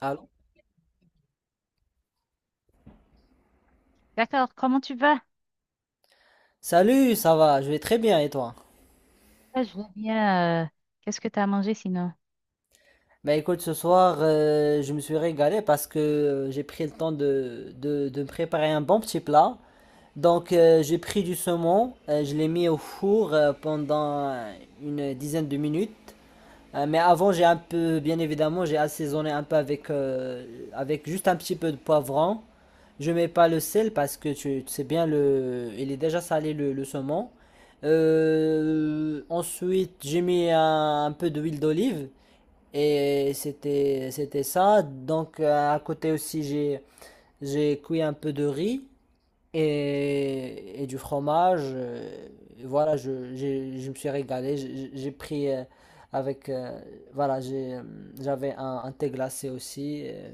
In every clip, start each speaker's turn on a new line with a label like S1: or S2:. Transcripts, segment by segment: S1: Allô?
S2: D'accord, comment tu vas?
S1: Salut, ça va? Je vais très bien et toi?
S2: Ah, je vais bien. Qu'est-ce que tu as mangé sinon?
S1: Bah écoute, ce soir, je me suis régalé parce que j'ai pris le temps de me préparer un bon petit plat. Donc, j'ai pris du saumon, je l'ai mis au four pendant une dizaine de minutes. Mais avant, j'ai un peu, bien évidemment, j'ai assaisonné un peu avec, avec juste un petit peu de poivron. Je mets pas le sel parce que tu sais bien, il est déjà salé le saumon. Ensuite, j'ai mis un peu d'huile d'olive et c'était ça. Donc, à côté aussi, j'ai cuit un peu de riz et du fromage. Et voilà, je me suis régalé. J'ai pris avec. Voilà, j'ai, euh, J'avais un thé glacé aussi.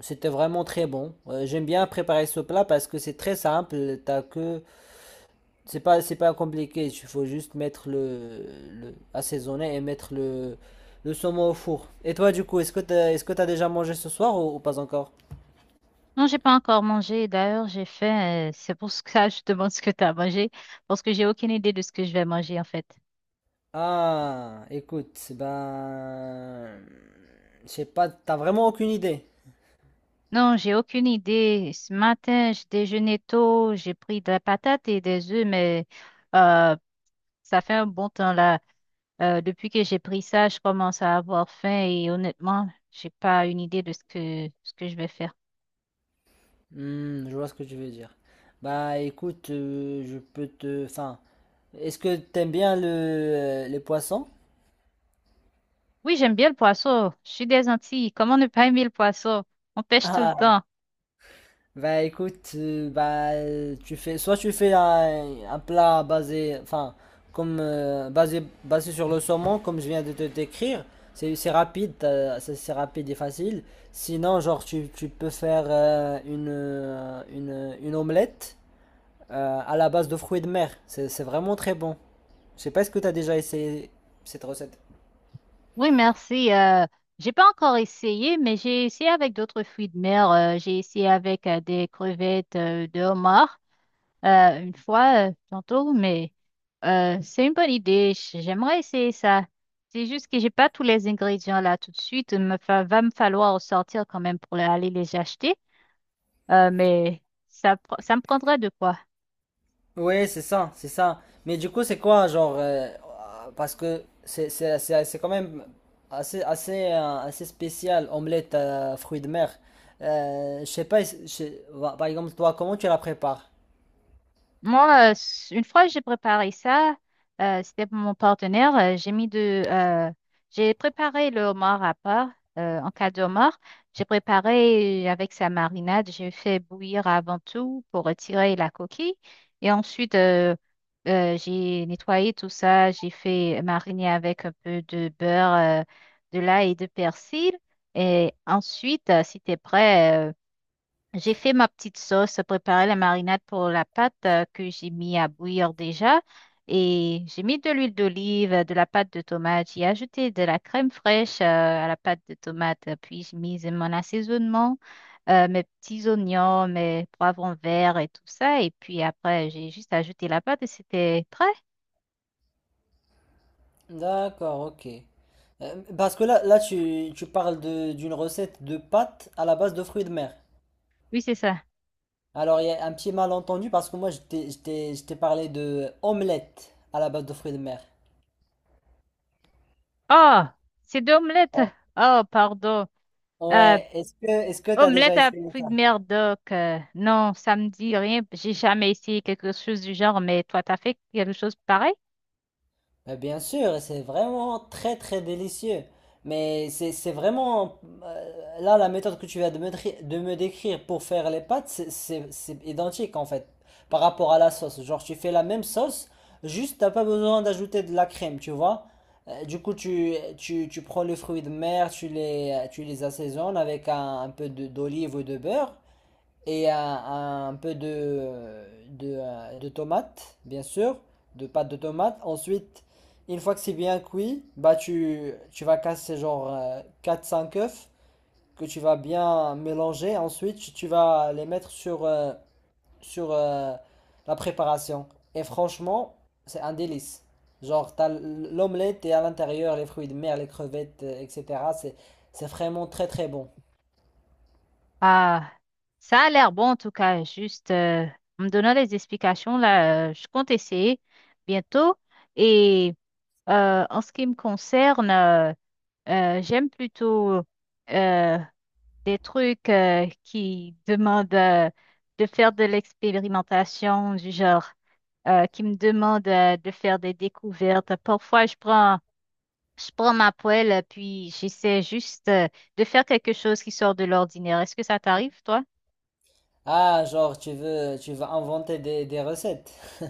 S1: C'était vraiment très bon. J'aime bien préparer ce plat parce que c'est très simple. T'as que, c'est pas compliqué. Il faut juste mettre assaisonner et mettre le saumon au four. Et toi, du coup, est-ce que t'as déjà mangé ce soir ou pas encore?
S2: Non, j'ai pas encore mangé. D'ailleurs, j'ai faim. C'est pour ça que je te demande ce que tu as mangé, parce que j'ai aucune idée de ce que je vais manger en fait.
S1: Ah, écoute, ben, je sais pas, t'as vraiment aucune idée.
S2: Non, j'ai aucune idée. Ce matin, j'ai déjeuné tôt, j'ai pris de la patate et des œufs, mais euh, ça fait un bon temps là. Depuis que j'ai pris ça, je commence à avoir faim et honnêtement, j'ai pas une idée de ce que je vais faire.
S1: Hmm, je vois ce que tu veux dire. Bah, écoute, je peux te, enfin, est-ce que t'aimes bien les poissons?
S2: Oui, j'aime bien le poisson. Je suis des Antilles. Comment ne pas aimer le poisson? On pêche tout le
S1: Ah,
S2: temps.
S1: bah écoute, tu fais soit tu fais un plat basé, enfin comme basé sur le saumon comme je viens de te décrire, c'est rapide, c'est rapide et facile. Sinon genre tu peux faire une omelette à la base de fruits de mer, c'est vraiment très bon. Je sais pas, est-ce que t'as déjà essayé cette recette.
S2: Oui, merci. J'ai pas encore essayé, mais j'ai essayé avec d'autres fruits de mer. J'ai essayé avec des crevettes de homard une fois, tantôt, mais c'est une bonne idée. J'aimerais essayer ça. C'est juste que j'ai pas tous les ingrédients là tout de suite. Il me va me falloir sortir quand même pour aller les acheter. Mais ça, ça me prendrait de quoi?
S1: Ouais, c'est ça, c'est ça. Mais du coup, c'est quoi, genre, parce que c'est quand même assez spécial, omelette fruits de mer. Je sais pas, je sais- Bah, par exemple, toi, comment tu la prépares?
S2: Moi, une fois j'ai préparé ça, c'était pour mon partenaire. J'ai mis j'ai préparé le homard à part. En cas de homard, j'ai préparé avec sa marinade. J'ai fait bouillir avant tout pour retirer la coquille. Et ensuite, j'ai nettoyé tout ça. J'ai fait mariner avec un peu de beurre, euh, de l'ail et de persil. Et ensuite, si t'es prêt, j'ai fait ma petite sauce, préparé la marinade pour la pâte que j'ai mis à bouillir déjà. Et j'ai mis de l'huile d'olive, de la pâte de tomate. J'ai ajouté de la crème fraîche à la pâte de tomate. Puis j'ai mis mon assaisonnement, mes petits oignons, mes poivrons verts et tout ça. Et puis après, j'ai juste ajouté la pâte et c'était prêt.
S1: D'accord, ok. Parce que là tu parles de, d'une recette de pâtes à la base de fruits de mer.
S2: Oui, c'est ça.
S1: Alors, il y a un petit malentendu parce que moi, je t'ai parlé de omelette à la base de fruits de mer.
S2: Oh, c'est deux omelettes.
S1: Oh.
S2: Oh, pardon. Euh,
S1: Ouais, est-ce que tu as déjà
S2: Omelette à
S1: essayé
S2: fruits de
S1: ça?
S2: mer, donc, non, ça me dit rien. J'ai jamais essayé quelque chose du genre, mais toi, t'as fait quelque chose pareil?
S1: Mais bien sûr, c'est vraiment très très délicieux. Mais c'est vraiment... Là, la méthode que tu viens de de me décrire pour faire les pâtes, c'est identique en fait par rapport à la sauce. Genre, tu fais la même sauce, juste t'as pas besoin d'ajouter de la crème, tu vois. Du coup, tu prends les fruits de mer, tu les assaisonnes avec un d'olive ou de beurre et un peu de tomates, bien sûr, de pâte de tomate. Ensuite, une fois que c'est bien cuit, bah tu vas casser genre quatre cinq œufs que tu vas bien mélanger. Ensuite, vas les mettre sur, sur euh, la préparation. Et franchement, c'est un délice. Genre, t'as l'omelette et à l'intérieur les fruits de mer, les crevettes, etc. C'est, c'est vraiment très très bon.
S2: Ah, ça a l'air bon en tout cas. Juste en me donnant des explications là, je compte essayer bientôt. Et en ce qui me concerne, j'aime plutôt euh, des trucs qui demandent de faire de l'expérimentation du genre, qui me demandent de faire des découvertes. Parfois, je prends ma poêle, puis j'essaie juste de faire quelque chose qui sort de l'ordinaire. Est-ce que ça t'arrive, toi?
S1: Ah, genre, tu veux inventer des recettes.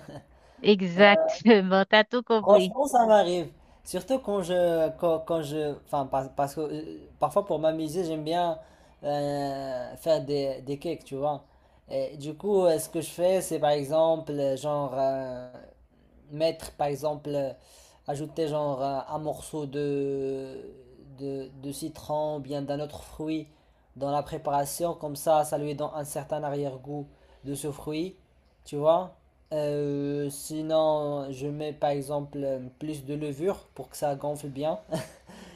S2: Exactement, t'as tout compris.
S1: Franchement, ça m'arrive. Surtout quand je, quand, quand je, enfin, parce que parfois pour m'amuser, j'aime bien faire des cakes, tu vois. Et du coup, ce que je fais, c'est par exemple, mettre par exemple euh, ajouter genre un morceau de citron ou bien d'un autre fruit dans la préparation comme ça lui donne un certain arrière-goût de ce fruit, tu vois. Sinon je mets par exemple plus de levure pour que ça gonfle bien.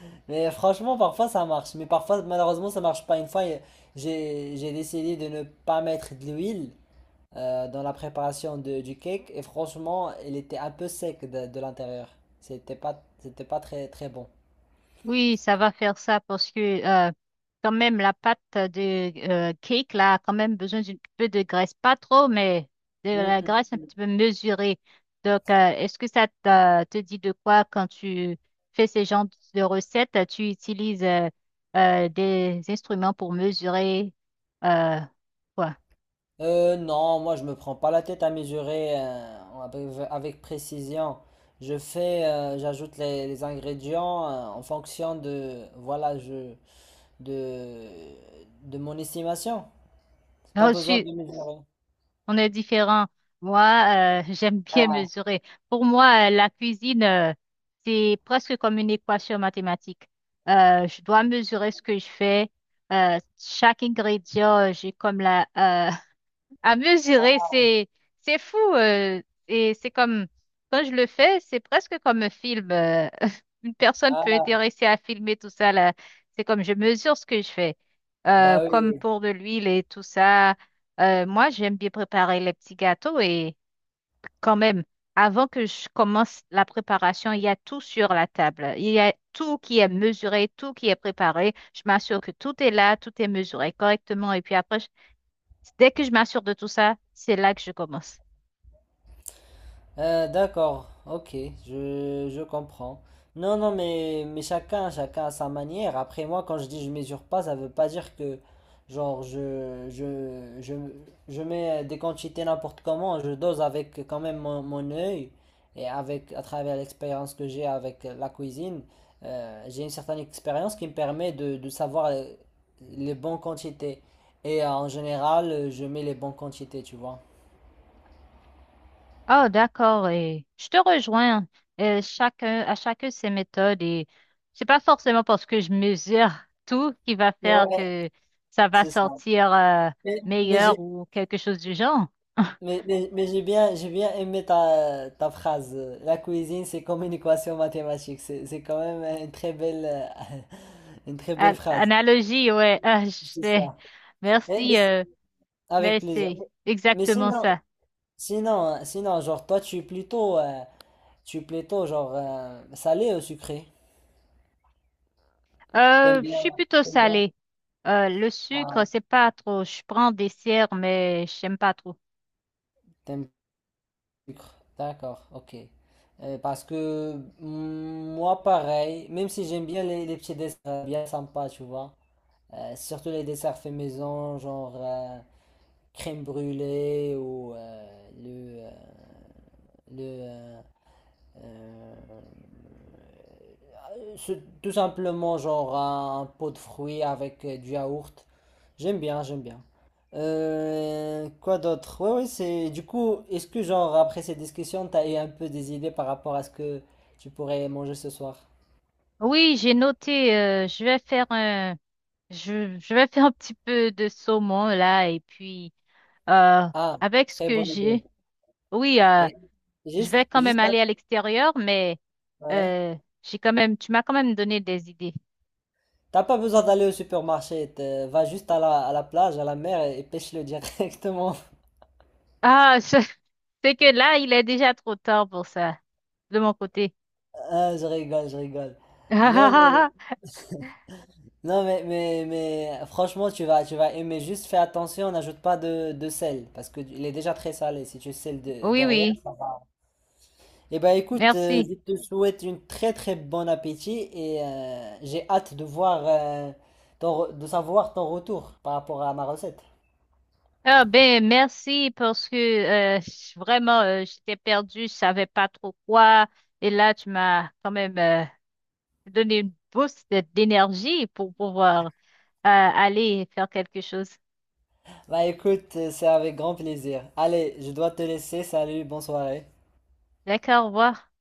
S1: Mais franchement parfois ça marche mais parfois malheureusement ça marche pas. Une fois, j'ai décidé de ne pas mettre de l'huile dans la préparation du cake et franchement, il était un peu sec de l'intérieur. C'était pas très très bon.
S2: Oui, ça va faire ça parce que euh, quand même la pâte de cake là a quand même besoin d'un peu de graisse, pas trop, mais de
S1: Mm,
S2: la graisse
S1: mm.
S2: un petit peu mesurée. Donc, est-ce que ça te dit de quoi quand tu fais ces genres de recettes, tu utilises des instruments pour mesurer euh, quoi?
S1: Non, moi je me prends pas la tête à mesurer avec précision. Je fais, j'ajoute les ingrédients en fonction de, voilà, de, de mon estimation. C'est pas besoin de mesurer.
S2: On est différents. Moi, j'aime bien
S1: Ah,
S2: mesurer. Pour moi, la cuisine, c'est presque comme une équation mathématique. Je dois mesurer ce que je fais. Chaque ingrédient, j'ai comme la, à mesurer. C'est fou. Et c'est comme, quand je le fais, c'est presque comme un film. Euh, une personne peut
S1: ah,
S2: intéresser à filmer tout ça là. C'est comme je mesure ce que je fais.
S1: bah
S2: Comme
S1: oui.
S2: pour de l'huile et tout ça. Moi, j'aime bien préparer les petits gâteaux et quand même, avant que je commence la préparation, il y a tout sur la table. Il y a tout qui est mesuré, tout qui est préparé. Je m'assure que tout est là, tout est mesuré correctement. Et puis après, dès que je m'assure de tout ça, c'est là que je commence.
S1: D'accord, ok, je comprends. Non, non, mais chacun à sa manière. Après, moi, quand je dis je mesure pas, ça veut pas dire que, genre, je mets des quantités n'importe comment, je dose avec quand même mon œil et avec, à travers l'expérience que j'ai avec la cuisine, j'ai une certaine expérience qui me permet de savoir les bonnes quantités. Et en général, je mets les bonnes quantités, tu vois.
S2: Oh, d'accord. Et je te rejoins. Chacun, à chacun ses méthodes et c'est pas forcément parce que je mesure tout qui va faire
S1: Ouais.
S2: que ça va
S1: C'est ça.
S2: sortir
S1: Mais- Mais
S2: meilleur
S1: j'ai
S2: ou quelque chose du genre.
S1: Mais, mais j'ai bien aimé ta phrase. La cuisine, c'est comme une équation mathématique. C'est quand même une très belle, une très belle phrase.
S2: Analogie, ouais, ah, je
S1: C'est
S2: sais.
S1: ça. Eh, mais
S2: Merci,
S1: avec
S2: mais
S1: plaisir.
S2: c'est
S1: Mais
S2: exactement
S1: sinon,
S2: ça.
S1: Sinon, genre, toi, tu es plutôt, genre, salé ou sucré? T'aimes
S2: Je
S1: bien,
S2: suis plutôt
S1: t'aimes bien.
S2: salée. Le sucre,
S1: Ah,
S2: c'est pas trop. Je prends des dessert, mais j'aime pas trop.
S1: t'aimes le sucre. D'accord, ok. Parce que mm, moi, pareil, même si j'aime bien les petits desserts bien sympas, tu vois. Surtout les desserts faits maison, genre crème brûlée ou le euh, ce- tout simplement genre un pot de fruits avec du yaourt. J'aime bien, j'aime bien. Quoi d'autre? Ouais, ouais, c'est. Du coup, est-ce que genre après cette discussion, t'as eu un peu des idées par rapport à ce que tu pourrais manger ce soir?
S2: Oui, j'ai noté. Je vais je vais faire un petit peu de saumon là et puis euh,
S1: Ah,
S2: avec ce
S1: très
S2: que
S1: bonne idée.
S2: j'ai, oui,
S1: Et
S2: je
S1: juste,
S2: vais quand même
S1: juste,
S2: aller à l'extérieur, mais
S1: ouais.
S2: euh, j'ai quand même, tu m'as quand même donné des idées.
S1: T'as pas besoin d'aller au supermarché, va juste à à la plage, à la mer et pêche-le directement.
S2: Ah, je- c'est que là, il est déjà trop tard pour ça de mon côté.
S1: Ah, je rigole, je rigole. Non mais, non mais, mais franchement tu vas aimer, juste fais attention, n'ajoute pas de, de sel, parce que il est déjà très salé, si tu sels
S2: Oui,
S1: derrière.
S2: oui,
S1: Eh ben écoute,
S2: merci.
S1: je te souhaite une très très bon appétit et j'ai hâte de voir, de savoir ton retour par rapport à ma recette.
S2: Ah ben merci parce que je- vraiment j'étais perdue, je savais pas trop quoi et là tu m'as quand même donner une boost d'énergie pour pouvoir aller faire quelque chose.
S1: Bah écoute, c'est avec grand plaisir. Allez, je dois te laisser. Salut, bonne soirée.
S2: D'accord, au revoir.